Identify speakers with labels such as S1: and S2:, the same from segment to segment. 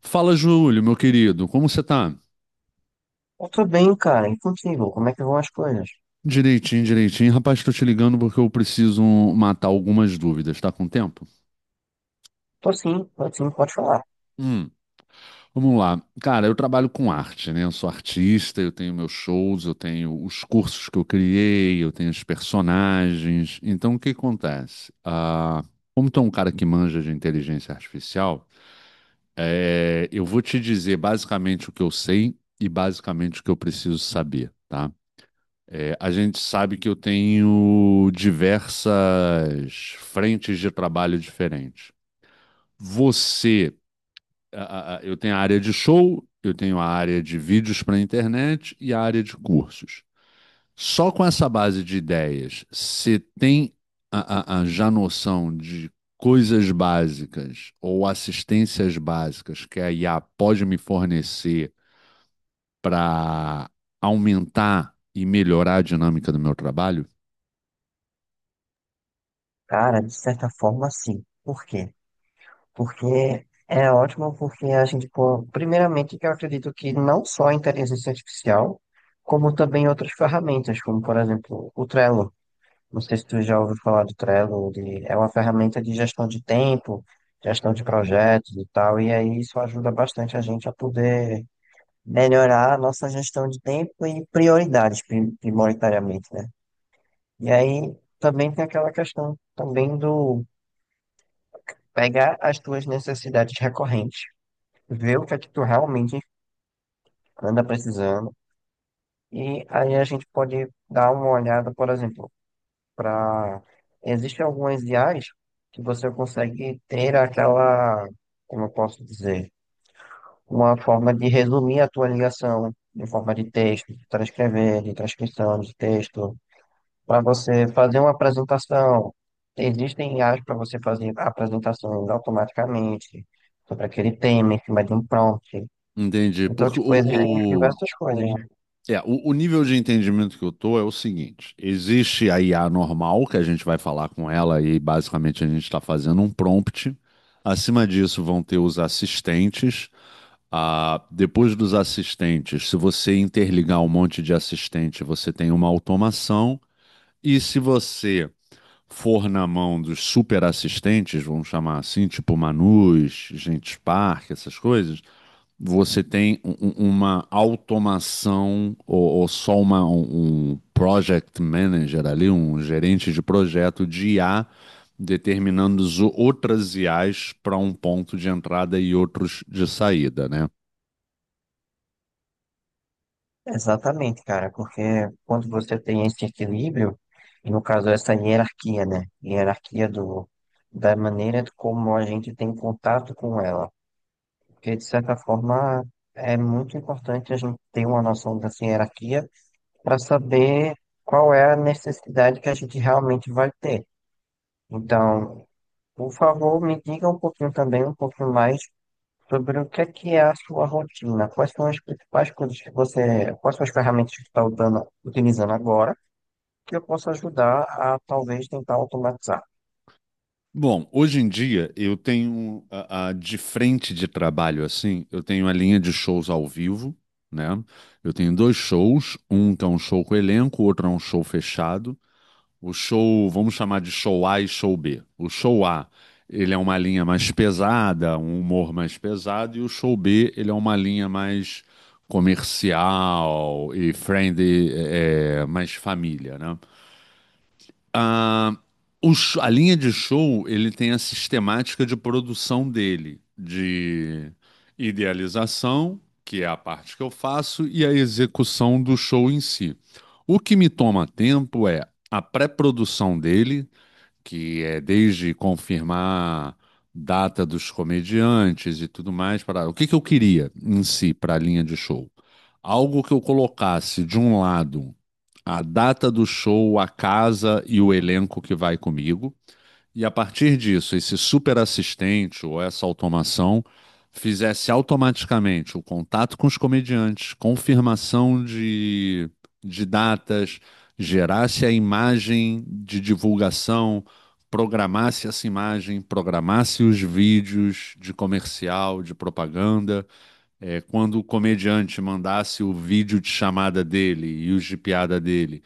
S1: Fala, Júlio, meu querido, como você tá?
S2: Eu tô bem, cara. E contigo? Como é que vão as coisas?
S1: Direitinho, direitinho. Rapaz, tô te ligando porque eu preciso matar algumas dúvidas, tá com tempo?
S2: Tô sim, pode falar.
S1: Hum, vamos lá. Cara, eu trabalho com arte, né? Eu sou artista, eu tenho meus shows, eu tenho os cursos que eu criei, eu tenho os personagens. Então, o que acontece? Como tu é um cara que manja de inteligência artificial, eu vou te dizer basicamente o que eu sei e basicamente o que eu preciso saber, tá? A gente sabe que eu tenho diversas frentes de trabalho diferentes. Você, eu tenho a área de show, eu tenho a área de vídeos para internet e a área de cursos. Só com essa base de ideias, você tem a já noção de coisas básicas ou assistências básicas que a IA pode me fornecer para aumentar e melhorar a dinâmica do meu trabalho?
S2: Cara, de certa forma, sim. Por quê? Porque é ótimo porque a gente, pô, primeiramente, que eu acredito que não só a inteligência artificial, como também outras ferramentas, como, por exemplo, o Trello. Não sei se tu já ouviu falar do Trello, é uma ferramenta de gestão de tempo, gestão de projetos e tal, e aí isso ajuda bastante a gente a poder melhorar a nossa gestão de tempo e prioridades, prioritariamente, né? E aí também tem aquela questão também do pegar as tuas necessidades recorrentes, ver o que é que tu realmente anda precisando, e aí a gente pode dar uma olhada, por exemplo, para existem algumas IAs que você consegue ter aquela, como eu posso dizer, uma forma de resumir a tua ligação. Em forma de texto, de transcrever, de transcrição de texto, para você fazer uma apresentação. Existem IAs para você fazer apresentações automaticamente sobre aquele tema em cima de um prompt.
S1: Entendi.
S2: Então,
S1: Porque
S2: tipo, existem
S1: o, o,
S2: diversas coisas, né?
S1: é, o, o nível de entendimento que eu tô é o seguinte: existe a IA normal, que a gente vai falar com ela e basicamente a gente está fazendo um prompt. Acima disso vão ter os assistentes. Depois dos assistentes, se você interligar um monte de assistente, você tem uma automação. E se você for na mão dos super assistentes, vamos chamar assim, tipo Manus, Gentes Park, essas coisas, você tem uma automação ou um project manager ali, um gerente de projeto de IA, determinando outras IAs para um ponto de entrada e outros de saída, né?
S2: Exatamente, cara, porque quando você tem esse equilíbrio, e no caso essa hierarquia, né? Hierarquia do, da maneira como a gente tem contato com ela. Porque, de certa forma, é muito importante a gente ter uma noção dessa hierarquia para saber qual é a necessidade que a gente realmente vai ter. Então, por favor, me diga um pouquinho também, um pouquinho mais sobre o que é a sua rotina, quais são as principais coisas que você, quais são as ferramentas que você está usando, utilizando agora, que eu possa ajudar a talvez tentar automatizar.
S1: Bom, hoje em dia eu tenho de frente de trabalho assim, eu tenho a linha de shows ao vivo, né? Eu tenho dois shows, um que é um show com elenco, o outro é um show fechado. O show, vamos chamar de show A e show B. O show A, ele é uma linha mais pesada, um humor mais pesado, e o show B, ele é uma linha mais comercial e friendly, mais família, né? Ah, a linha de show, ele tem a sistemática de produção dele, de idealização, que é a parte que eu faço, e a execução do show em si. O que me toma tempo é a pré-produção dele, que é desde confirmar data dos comediantes e tudo mais. Para o que que eu queria em si para a linha de show? Algo que eu colocasse de um lado a data do show, a casa e o elenco que vai comigo. E a partir disso, esse super assistente ou essa automação fizesse automaticamente o contato com os comediantes, confirmação de datas, gerasse a imagem de divulgação, programasse essa imagem, programasse os vídeos de comercial, de propaganda. É, quando o comediante mandasse o vídeo de chamada dele e os de piada dele,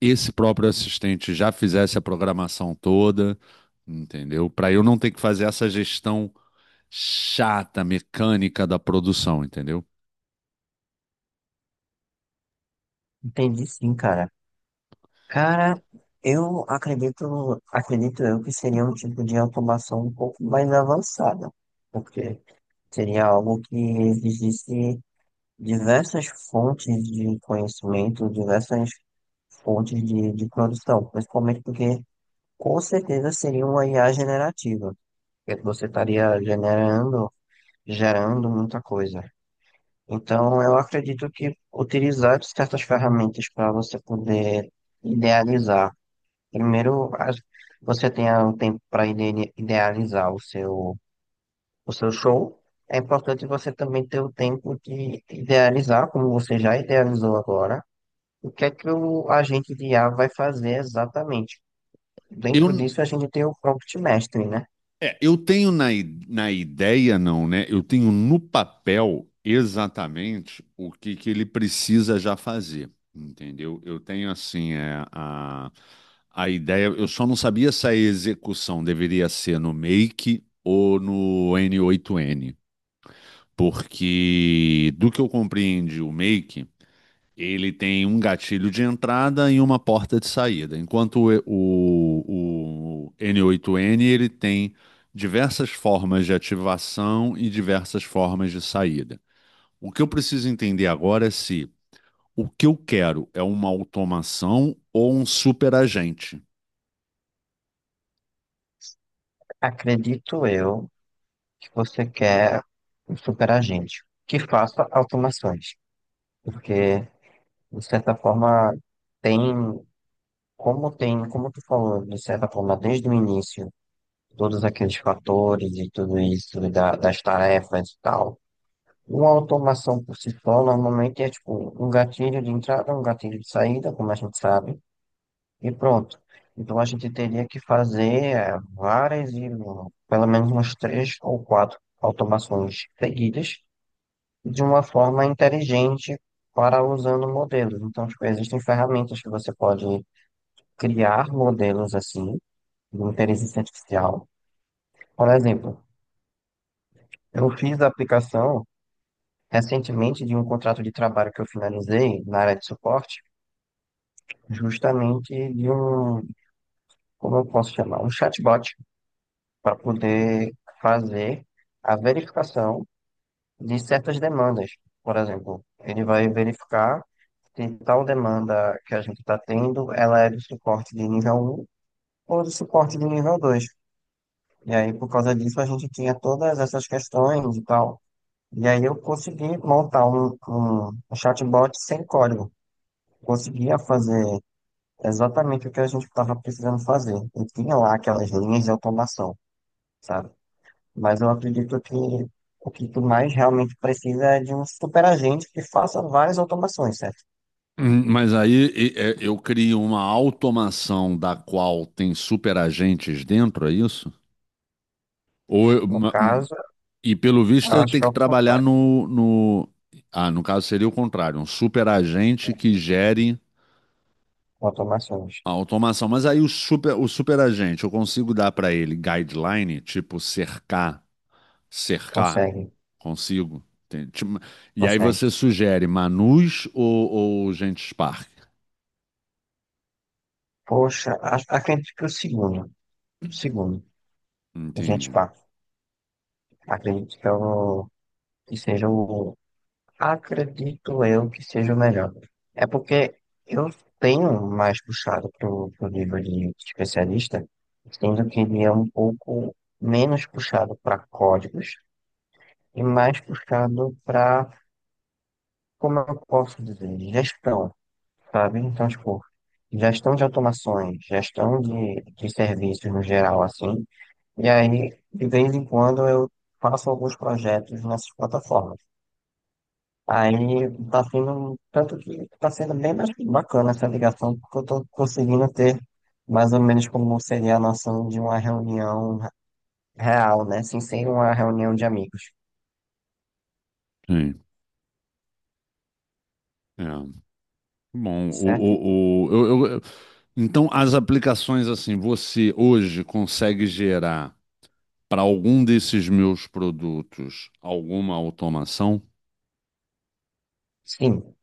S1: esse próprio assistente já fizesse a programação toda, entendeu? Para eu não ter que fazer essa gestão chata, mecânica da produção, entendeu?
S2: Entendi sim, cara. Cara, eu acredito, acredito eu que seria um tipo de automação um pouco mais avançada, porque seria algo que exigisse diversas fontes de conhecimento, diversas fontes de produção, principalmente porque com certeza seria uma IA generativa, porque você estaria gerando muita coisa. Então, eu acredito que utilizar certas ferramentas para você poder idealizar. Primeiro, você tenha um tempo para idealizar o seu show. É importante você também ter o tempo de idealizar, como você já idealizou agora o que é que o agente de IA vai fazer exatamente?
S1: Eu,
S2: Dentro disso, a gente tem o prompt mastering, né?
S1: eu tenho na ideia, não, né? Eu tenho no papel exatamente que ele precisa já fazer, entendeu? Eu tenho, assim, a ideia. Eu só não sabia se a execução deveria ser no Make ou no N8N. Porque, do que eu compreendi, o Make, ele tem um gatilho de entrada e uma porta de saída. Enquanto o n oito n, ele tem diversas formas de ativação e diversas formas de saída. O que eu preciso entender agora é se o que eu quero é uma automação ou um superagente.
S2: Acredito eu que você quer um super agente que faça automações, porque, de certa forma, tem, como tem, como tu falou, de certa forma, desde o início, todos aqueles fatores e tudo isso, das tarefas e tal. Uma automação por si só, normalmente, é tipo um gatilho de entrada, um gatilho de saída, como a gente sabe. E pronto. Então a gente teria que fazer várias, pelo menos umas três ou quatro automações seguidas de uma forma inteligente para usando modelos. Então, tipo, existem ferramentas que você pode criar modelos assim de inteligência artificial. Por exemplo, eu fiz a aplicação recentemente de um contrato de trabalho que eu finalizei na área de suporte, justamente de um, como eu posso chamar, um chatbot para poder fazer a verificação de certas demandas. Por exemplo, ele vai verificar se tal demanda que a gente está tendo, ela é do suporte de nível um ou do suporte de nível 2. E aí, por causa disso, a gente tinha todas essas questões e tal. E aí eu consegui montar um chatbot sem código. Conseguia fazer exatamente o que a gente estava precisando fazer. E tinha lá aquelas linhas de automação, sabe? Mas eu acredito que o que tu mais realmente precisa é de um superagente que faça várias automações, certo?
S1: Mas aí, é, eu crio uma automação da qual tem superagentes dentro, é isso? Ou eu...
S2: No caso,
S1: E pelo visto
S2: eu
S1: eu
S2: acho
S1: tenho
S2: que é
S1: que
S2: o
S1: trabalhar
S2: contrário,
S1: no, no... Ah, no caso seria o contrário, um super agente
S2: né?
S1: que gere
S2: Automações.
S1: a automação. Mas aí o super agente, eu consigo dar para ele guideline, tipo cercar, cercar,
S2: Consegue,
S1: consigo. Tem, tipo, e aí
S2: consegue.
S1: você sugere Manus ou gente Spark?
S2: Poxa, acredito que o segundo, a gente
S1: Entende?
S2: pá, acredito que, eu, que seja o, acredito eu que seja o melhor. É porque eu tenho mais puxado pro livro de especialista, sendo que ele é um pouco menos puxado para códigos e mais puxado para, como eu posso dizer, gestão, sabe? Então, tipo, gestão de automações, gestão de serviços no geral, assim. E aí, de vez em quando, eu faço alguns projetos nessas plataformas. Aí tá sendo, tanto que tá sendo bem mais bacana essa ligação, porque eu tô conseguindo ter mais ou menos como seria a noção de uma reunião real, né? Assim, sem ser uma reunião de amigos,
S1: Sim. É. Bom,
S2: certo?
S1: então as aplicações assim, você hoje consegue gerar para algum desses meus produtos alguma automação?
S2: Sim.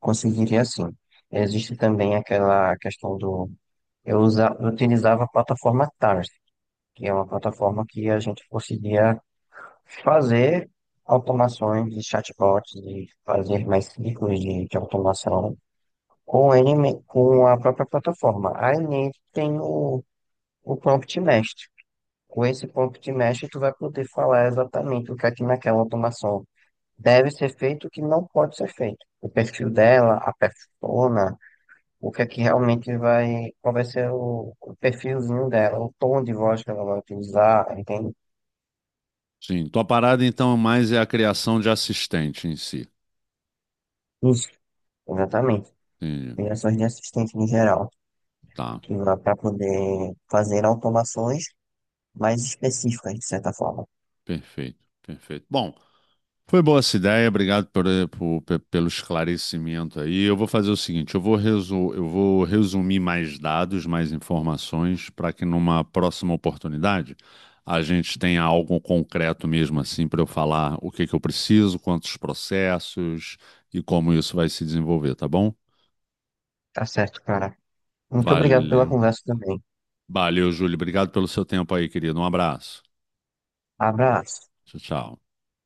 S2: Conseguiria sim. Existe também aquela questão do. Eu utilizava a plataforma Tars, que é uma plataforma que a gente conseguia fazer automações de chatbots e fazer mais ciclos de automação com a própria plataforma. Aí nele tem o prompt mestre. Com esse prompt mestre, tu vai poder falar exatamente o que é que naquela automação deve ser feito, e o que não pode ser feito. O perfil dela, a persona o que é que realmente vai, qual vai ser o perfilzinho dela, o tom de voz que ela vai utilizar, entende?
S1: Sim, tua parada então mais é a criação de assistente em si.
S2: Isso. Exatamente.
S1: Entendi.
S2: Ligações de assistente no geral,
S1: Tá,
S2: que vai para poder fazer automações mais específicas, de certa forma.
S1: perfeito, perfeito. Bom, foi boa essa ideia, obrigado pelo esclarecimento aí. Eu vou fazer o seguinte, eu vou, eu vou resumir mais dados, mais informações, para que numa próxima oportunidade a gente tenha algo concreto mesmo assim para eu falar o que que eu preciso, quantos processos e como isso vai se desenvolver, tá bom?
S2: Tá certo, cara. Muito obrigado pela
S1: Valeu.
S2: conversa também.
S1: Valeu, Júlio. Obrigado pelo seu tempo aí, querido. Um abraço.
S2: Abraço.
S1: Tchau, tchau.